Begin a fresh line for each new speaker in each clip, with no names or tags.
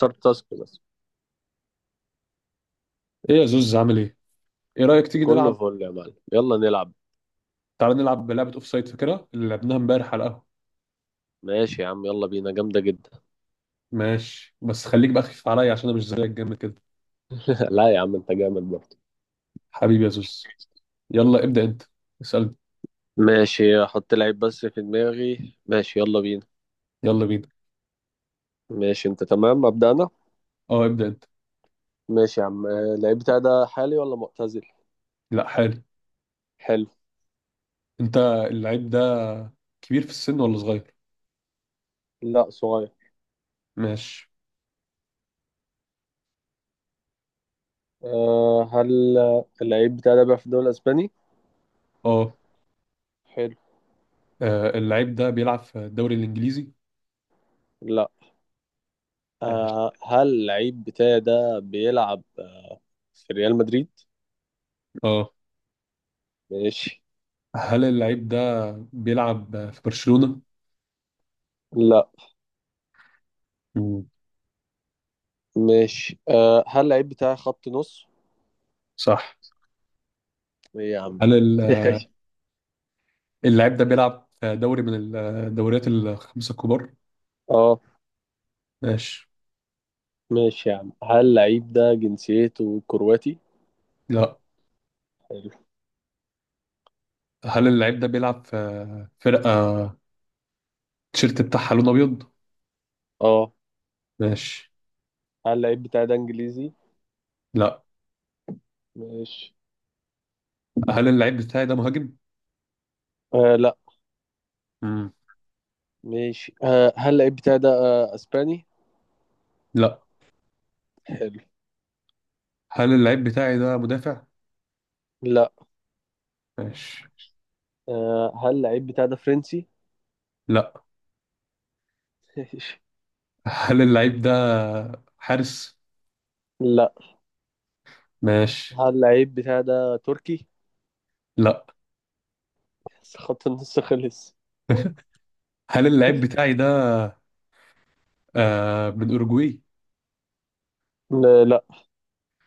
صار تاسك بس.
ايه يا زوز عامل ايه؟ ايه رأيك تيجي
كله
نلعب.
فل يا معلم، يلا نلعب.
تعالى نلعب لعبة اوف سايد، فاكرها اللي لعبناها امبارح على القهوة.
ماشي يا عم، يلا بينا، جامدة جدا.
ماشي، بس خليك بقى خفيف عليا عشان انا مش زيك جامد كده.
لا يا عم، انت جامد برضه.
حبيبي يا زوز. يلا ابدأ انت، اسألني.
ماشي، احط لعيب بس في دماغي، ماشي يلا بينا.
يلا بينا.
ماشي، انت تمام، ابدأ انا.
اه ابدأ انت.
ماشي يا عم، اللعيب بتاعي ده حالي ولا معتزل؟
لا، حالي.
حلو.
انت، اللعيب ده كبير في السن ولا صغير؟
لا، صغير.
ماشي.
هل اللعيب بتاعي ده بيلعب في الدوري الاسباني؟
اه.
حلو.
اللعيب ده بيلعب في الدوري الانجليزي؟
لا.
ماشي.
هل اللعيب بتاعي ده بيلعب في ريال مدريد؟
اه.
ماشي.
هل اللعيب ده بيلعب في برشلونة؟
لا.
مم.
ماشي. هل اللعيب بتاعي خط نص؟
صح.
ايه يا عم ده؟
هل ال- اللعيب ده بيلعب في دوري من الدوريات الخمسة الكبار؟
اه.
ماشي.
ماشي يا عم، هل اللعيب ده جنسيته كرواتي؟
لا.
حلو.
هل اللعيب ده بيلعب في فرقة التيشيرت بتاعها لون أبيض؟
اه،
ماشي.
هل اللعيب بتاعي ده انجليزي؟
لا.
ماشي.
هل اللعيب بتاعي ده مهاجم؟
لا.
مم.
ماشي. هل اللعيب بتاعي ده اسباني؟
لا.
حلو.
هل اللعيب بتاعي ده مدافع؟
لا.
ماشي.
هل اللعيب بتاعي ده فرنسي؟
لا.
ماشي.
هل اللعيب ده حارس؟
لا.
ماشي.
هل اللعيب بتاعي ده تركي؟
لا.
خط النص خلص.
هل اللعيب بتاعي ده من أوروجواي؟
لا، لا.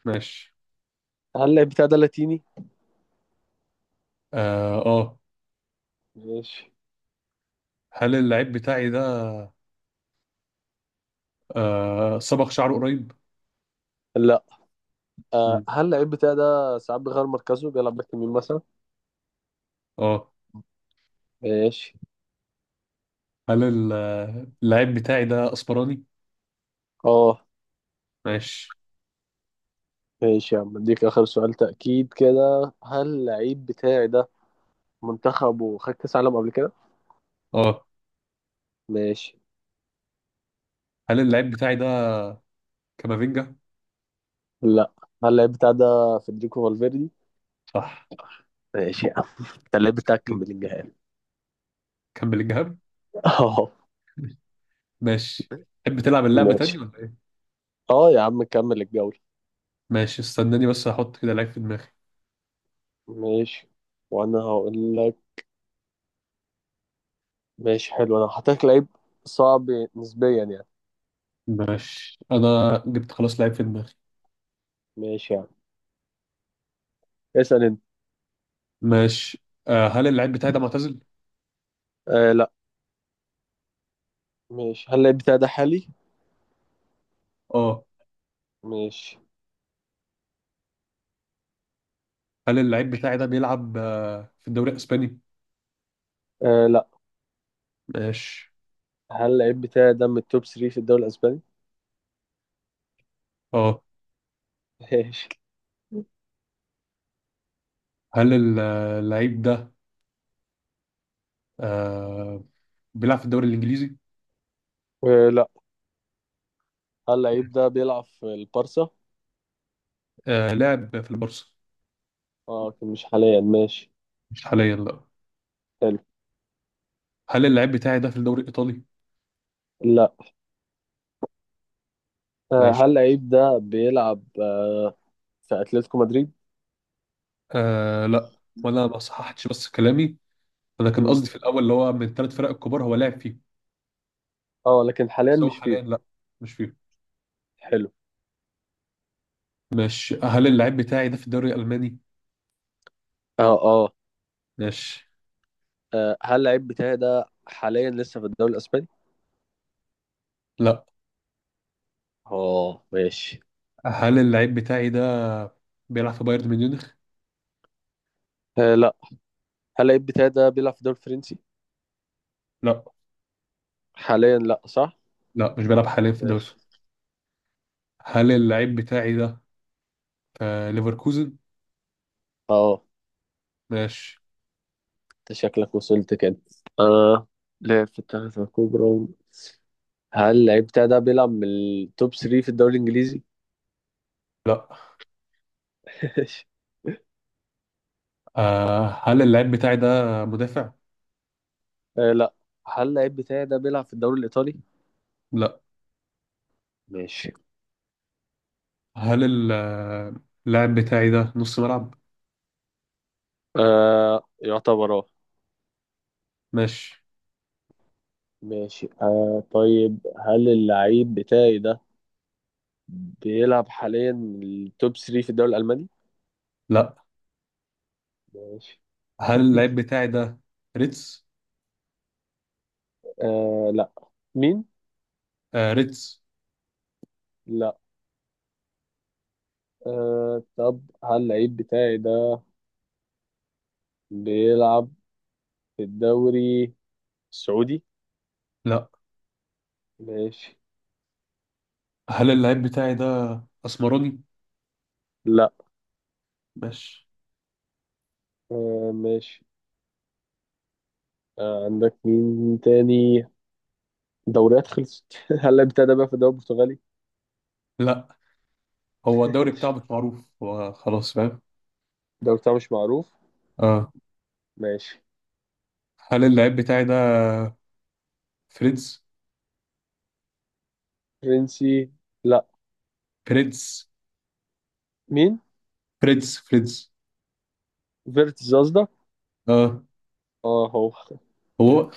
ماشي.
هل اللعيب بتاعي ده لاتيني؟
آه.
ماشي.
هل اللعيب بتاعي ده صبغ شعره قريب؟
لا.
مم.
هل اللعيب بتاعي ده ساعات بيغير مركزه، بيلعب باك يمين مثلا؟
آه.
ماشي.
هل ال- اللعيب بتاعي ده أسمراني؟
اه.
ماشي.
ماشي يا عم، اديك اخر سؤال تأكيد كده، هل اللعيب بتاعي ده منتخبه خد كاس عالم قبل كده؟
آه.
ماشي.
هل اللعيب بتاعي ده كامافينجا؟
لا. هل اللعيب بتاعي ده فederico فالفيردي؟
صح.
ماشي يا عم. انت اللعيب بتاعك كان بلينجهام.
كان بلينجهام؟
اه.
ماشي. تحب تلعب اللعبة تاني
ماشي.
ولا ايه؟
اه يا عم، كمل الجولة.
ماشي، استناني بس احط كده لعيب في دماغي.
ماشي، وانا هقول لك. ماشي، حلو، انا هحط لك لعيب صعب نسبيا يعني.
ماشي، انا جبت خلاص لعيب في دماغي.
ماشي يا عم، اسأل انت.
ماشي. آه هل اللعيب بتاعي ده معتزل؟
لا. ماشي، هل اللعيب بتاعي ده حالي؟
اه.
ماشي.
هل اللعيب بتاعي ده بيلعب في الدوري الاسباني؟
لا.
ماشي.
هل اللعيب بتاعي ده من التوب 3 في الدوري الاسباني؟
اه.
ماشي.
هل ال- آه، اللعيب ده آه بيلعب في الدوري الانجليزي؟
لا. هل لعيب ده بيلعب في البارسا؟
آه لعب في البورصة.
اه، لكن مش حاليا، ماشي.
مش حاليا لا.
حلو.
هل اللعيب بتاعي ده في الدوري الايطالي؟
لا.
ماشي.
هل لعيب ده بيلعب في اتلتيكو مدريد؟
آه لا. وانا ما صححتش بس كلامي، انا كان
مم.
قصدي في الاول اللي هو من الثلاث فرق الكبار هو لاعب فيهم.
اه، لكن حاليا
بس هو
مش
حاليا
فيه.
لا، مش فيهم.
حلو.
ماشي، هل اللعيب بتاعي ده في الدوري الالماني.
اه، اه.
ماشي.
هل اللعيب بتاعي ده حاليا لسه في الدوري الاسباني؟
لا،
اه، ماشي.
هل اللعيب بتاعي ده بيلعب في بايرن ميونخ.
لا. هل اللعيب بتاعي ده بيلعب في الدوري الفرنسي؟
لا،
حاليا لا، صح؟
لا مش بيلعب حاليا في الدوري
ماشي.
الفرنسي. هل اللعيب بتاعي ده في ليفركوزن.
اه.
ماشي.
انت شكلك وصلت كده. آه لعب في الثلاثة الكبرى. هل اللعيب بتاعي ده بيلعب من التوب 3 في الدوري الانجليزي؟
لا. آه هل اللعيب بتاعي ده مدافع؟
لا. هل اللعيب بتاعي ده بيلعب في الدوري الإيطالي؟
لا.
ماشي.
هل ال- اللاعب بتاعي ده نص ملعب.
يعتبر، اه.
ماشي.
ماشي. طيب، هل اللعيب بتاعي ده بيلعب حاليا التوب 3 في الدوري الألماني؟
لا.
ماشي.
هل اللعيب بتاعي ده ريتس؟
لا. مين؟
آه ريدز.
لا. طب، هل اللعيب بتاعي ده بيلعب في الدوري السعودي؟
لا.
ماشي.
هل اللعيب بتاعي ده اسمراني؟
لا.
ماشي.
ماشي. عندك مين تاني؟ دوريات خلصت. هل اللعيب بتاعي ده بيلعب في الدوري البرتغالي؟
لا. هو الدوري بتاعه مش معروف، هو خلاص فاهم.
ده بتاع مش معروف.
اه.
ماشي.
هل اللعيب بتاعي ده فريدز.
فرنسي. لا.
فريدز
مين؟
فريدز.
فيرتز قصدك؟
اه
اه، هو.
هو.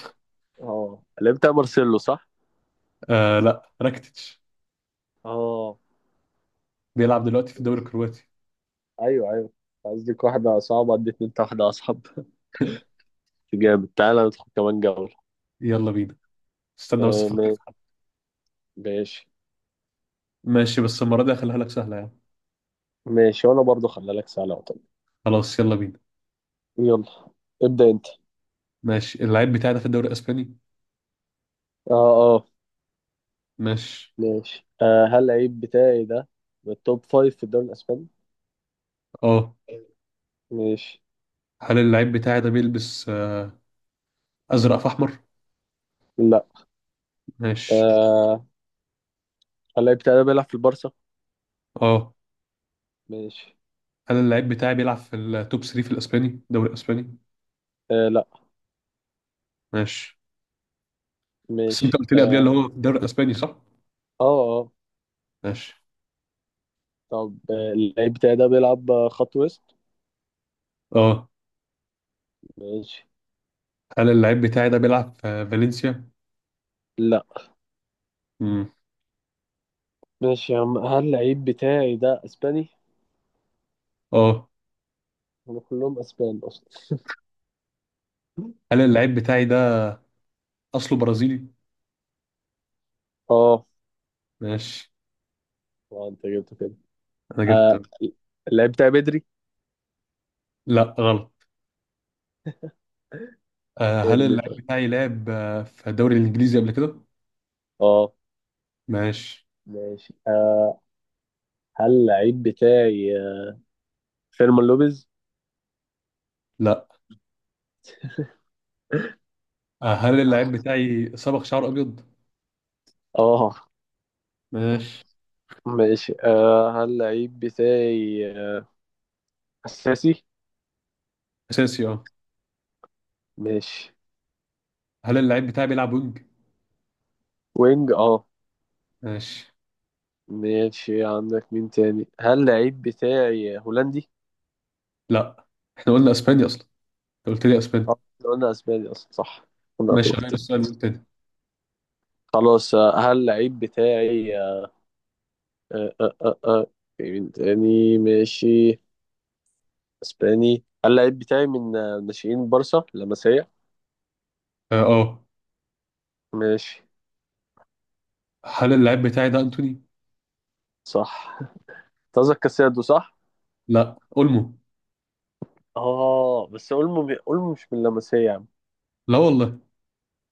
اه، اللي بتاع مارسيلو، صح.
آه لا، راكتيتش،
اه،
بيلعب دلوقتي في الدوري
ماشي.
الكرواتي.
ايوه، ايوه. قصدك واحدة صعبة، اديت انت واحدة اصعب. جامد، تعالى ندخل كمان جولة.
يلا بينا. استنى بس
آه
افكر.
ما- ماشي.
ماشي، بس المره دي هخليها لك سهله يعني.
ماشي، وانا برضو خلي لك سهلة وطب.
خلاص يلا بينا.
يلا، ابدأ انت.
ماشي، اللعيب بتاعي ده في الدوري الاسباني.
اه، اه.
ماشي.
ماشي. هل العيب بتاعي ده من التوب 5 في الدوري الاسباني؟
اه.
ماشي.
هل اللعيب بتاعي ده بيلبس ازرق في احمر؟
لا.
ماشي.
آه هل العيب بتاعي ده بيلعب في البارسا؟
اه.
ماشي.
انا اللعيب بتاعي بيلعب في التوب 3 في الاسباني، الدوري الاسباني.
لا.
ماشي، بس انت
ماشي.
قلت لي قبلها اللي
اه،
هو في الدوري الاسباني صح؟
اه، آه.
ماشي.
طب، اللعيب بتاعي ده بيلعب خط وسط؟
اه.
ماشي.
هل اللعيب بتاعي ده بيلعب في فالنسيا؟
لا.
امم
ماشي يا عم، هل اللعيب بتاعي ده اسباني؟
اه.
هم كلهم اسبان اصلا.
هل اللعيب بتاعي ده اصله برازيلي؟
اه.
ماشي.
اه، انت جبته كده.
انا
آه
جبت.
اللعيب بتاعي بدري.
لا غلط. آه هل
ارمي
اللعيب
طيب.
بتاعي لعب في الدوري الانجليزي قبل كده؟
اه.
ماشي.
ماشي. هل اللعيب بتاعي فيرمان لوبيز؟
لا. آه هل اللعيب بتاعي صبغ شعر ابيض؟
اه.
ماشي.
ماشي. هل اللعيب بتاعي اساسي؟
اساسي؟ اه.
ماشي.
هل اللعيب بتاعي بيلعب وينج؟
وينج، اه.
ماشي.
ماشي. عندك مين تاني؟ هل اللعيب بتاعي هولندي؟
لا، احنا قلنا اسباني اصلا، انت قلت لي
اه،
اسباني.
إحنا قلنا اسباني اصلا، صح. انا
ماشي،
تهت.
غير السؤال وقول تاني.
خلاص. هل اللعيب بتاعي آه، آه، آه، في مين تاني؟ ماشي. اسباني. هل اللعيب بتاعي من ناشئين بارسا لمسية؟
اه آه.
ماشي.
هل اللاعب بتاعي ده انتوني؟
صح. قصدك كاسادو، صح؟
لا اولمو.
اه، بس اولمو. اولمو مش من لمسية يا عم.
لا والله.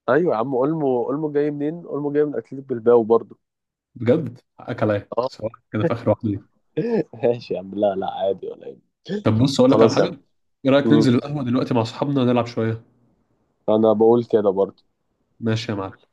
ايوه يا عم، اولمو، اولمو جاي منين؟ اولمو جاي من اتلتيك بالباو برضو.
بجد حقك عليا،
اه.
سواء كده في اخر واحده دي.
ماشي يا عم. لا، لا، عادي ولا ايه؟
طب بص اقول لك على
خلاص يا
حاجه.
عم.
ايه رايك ننزل القهوه دلوقتي مع اصحابنا نلعب شويه؟
انا بقول كده برضه.
ماشي يا معلم.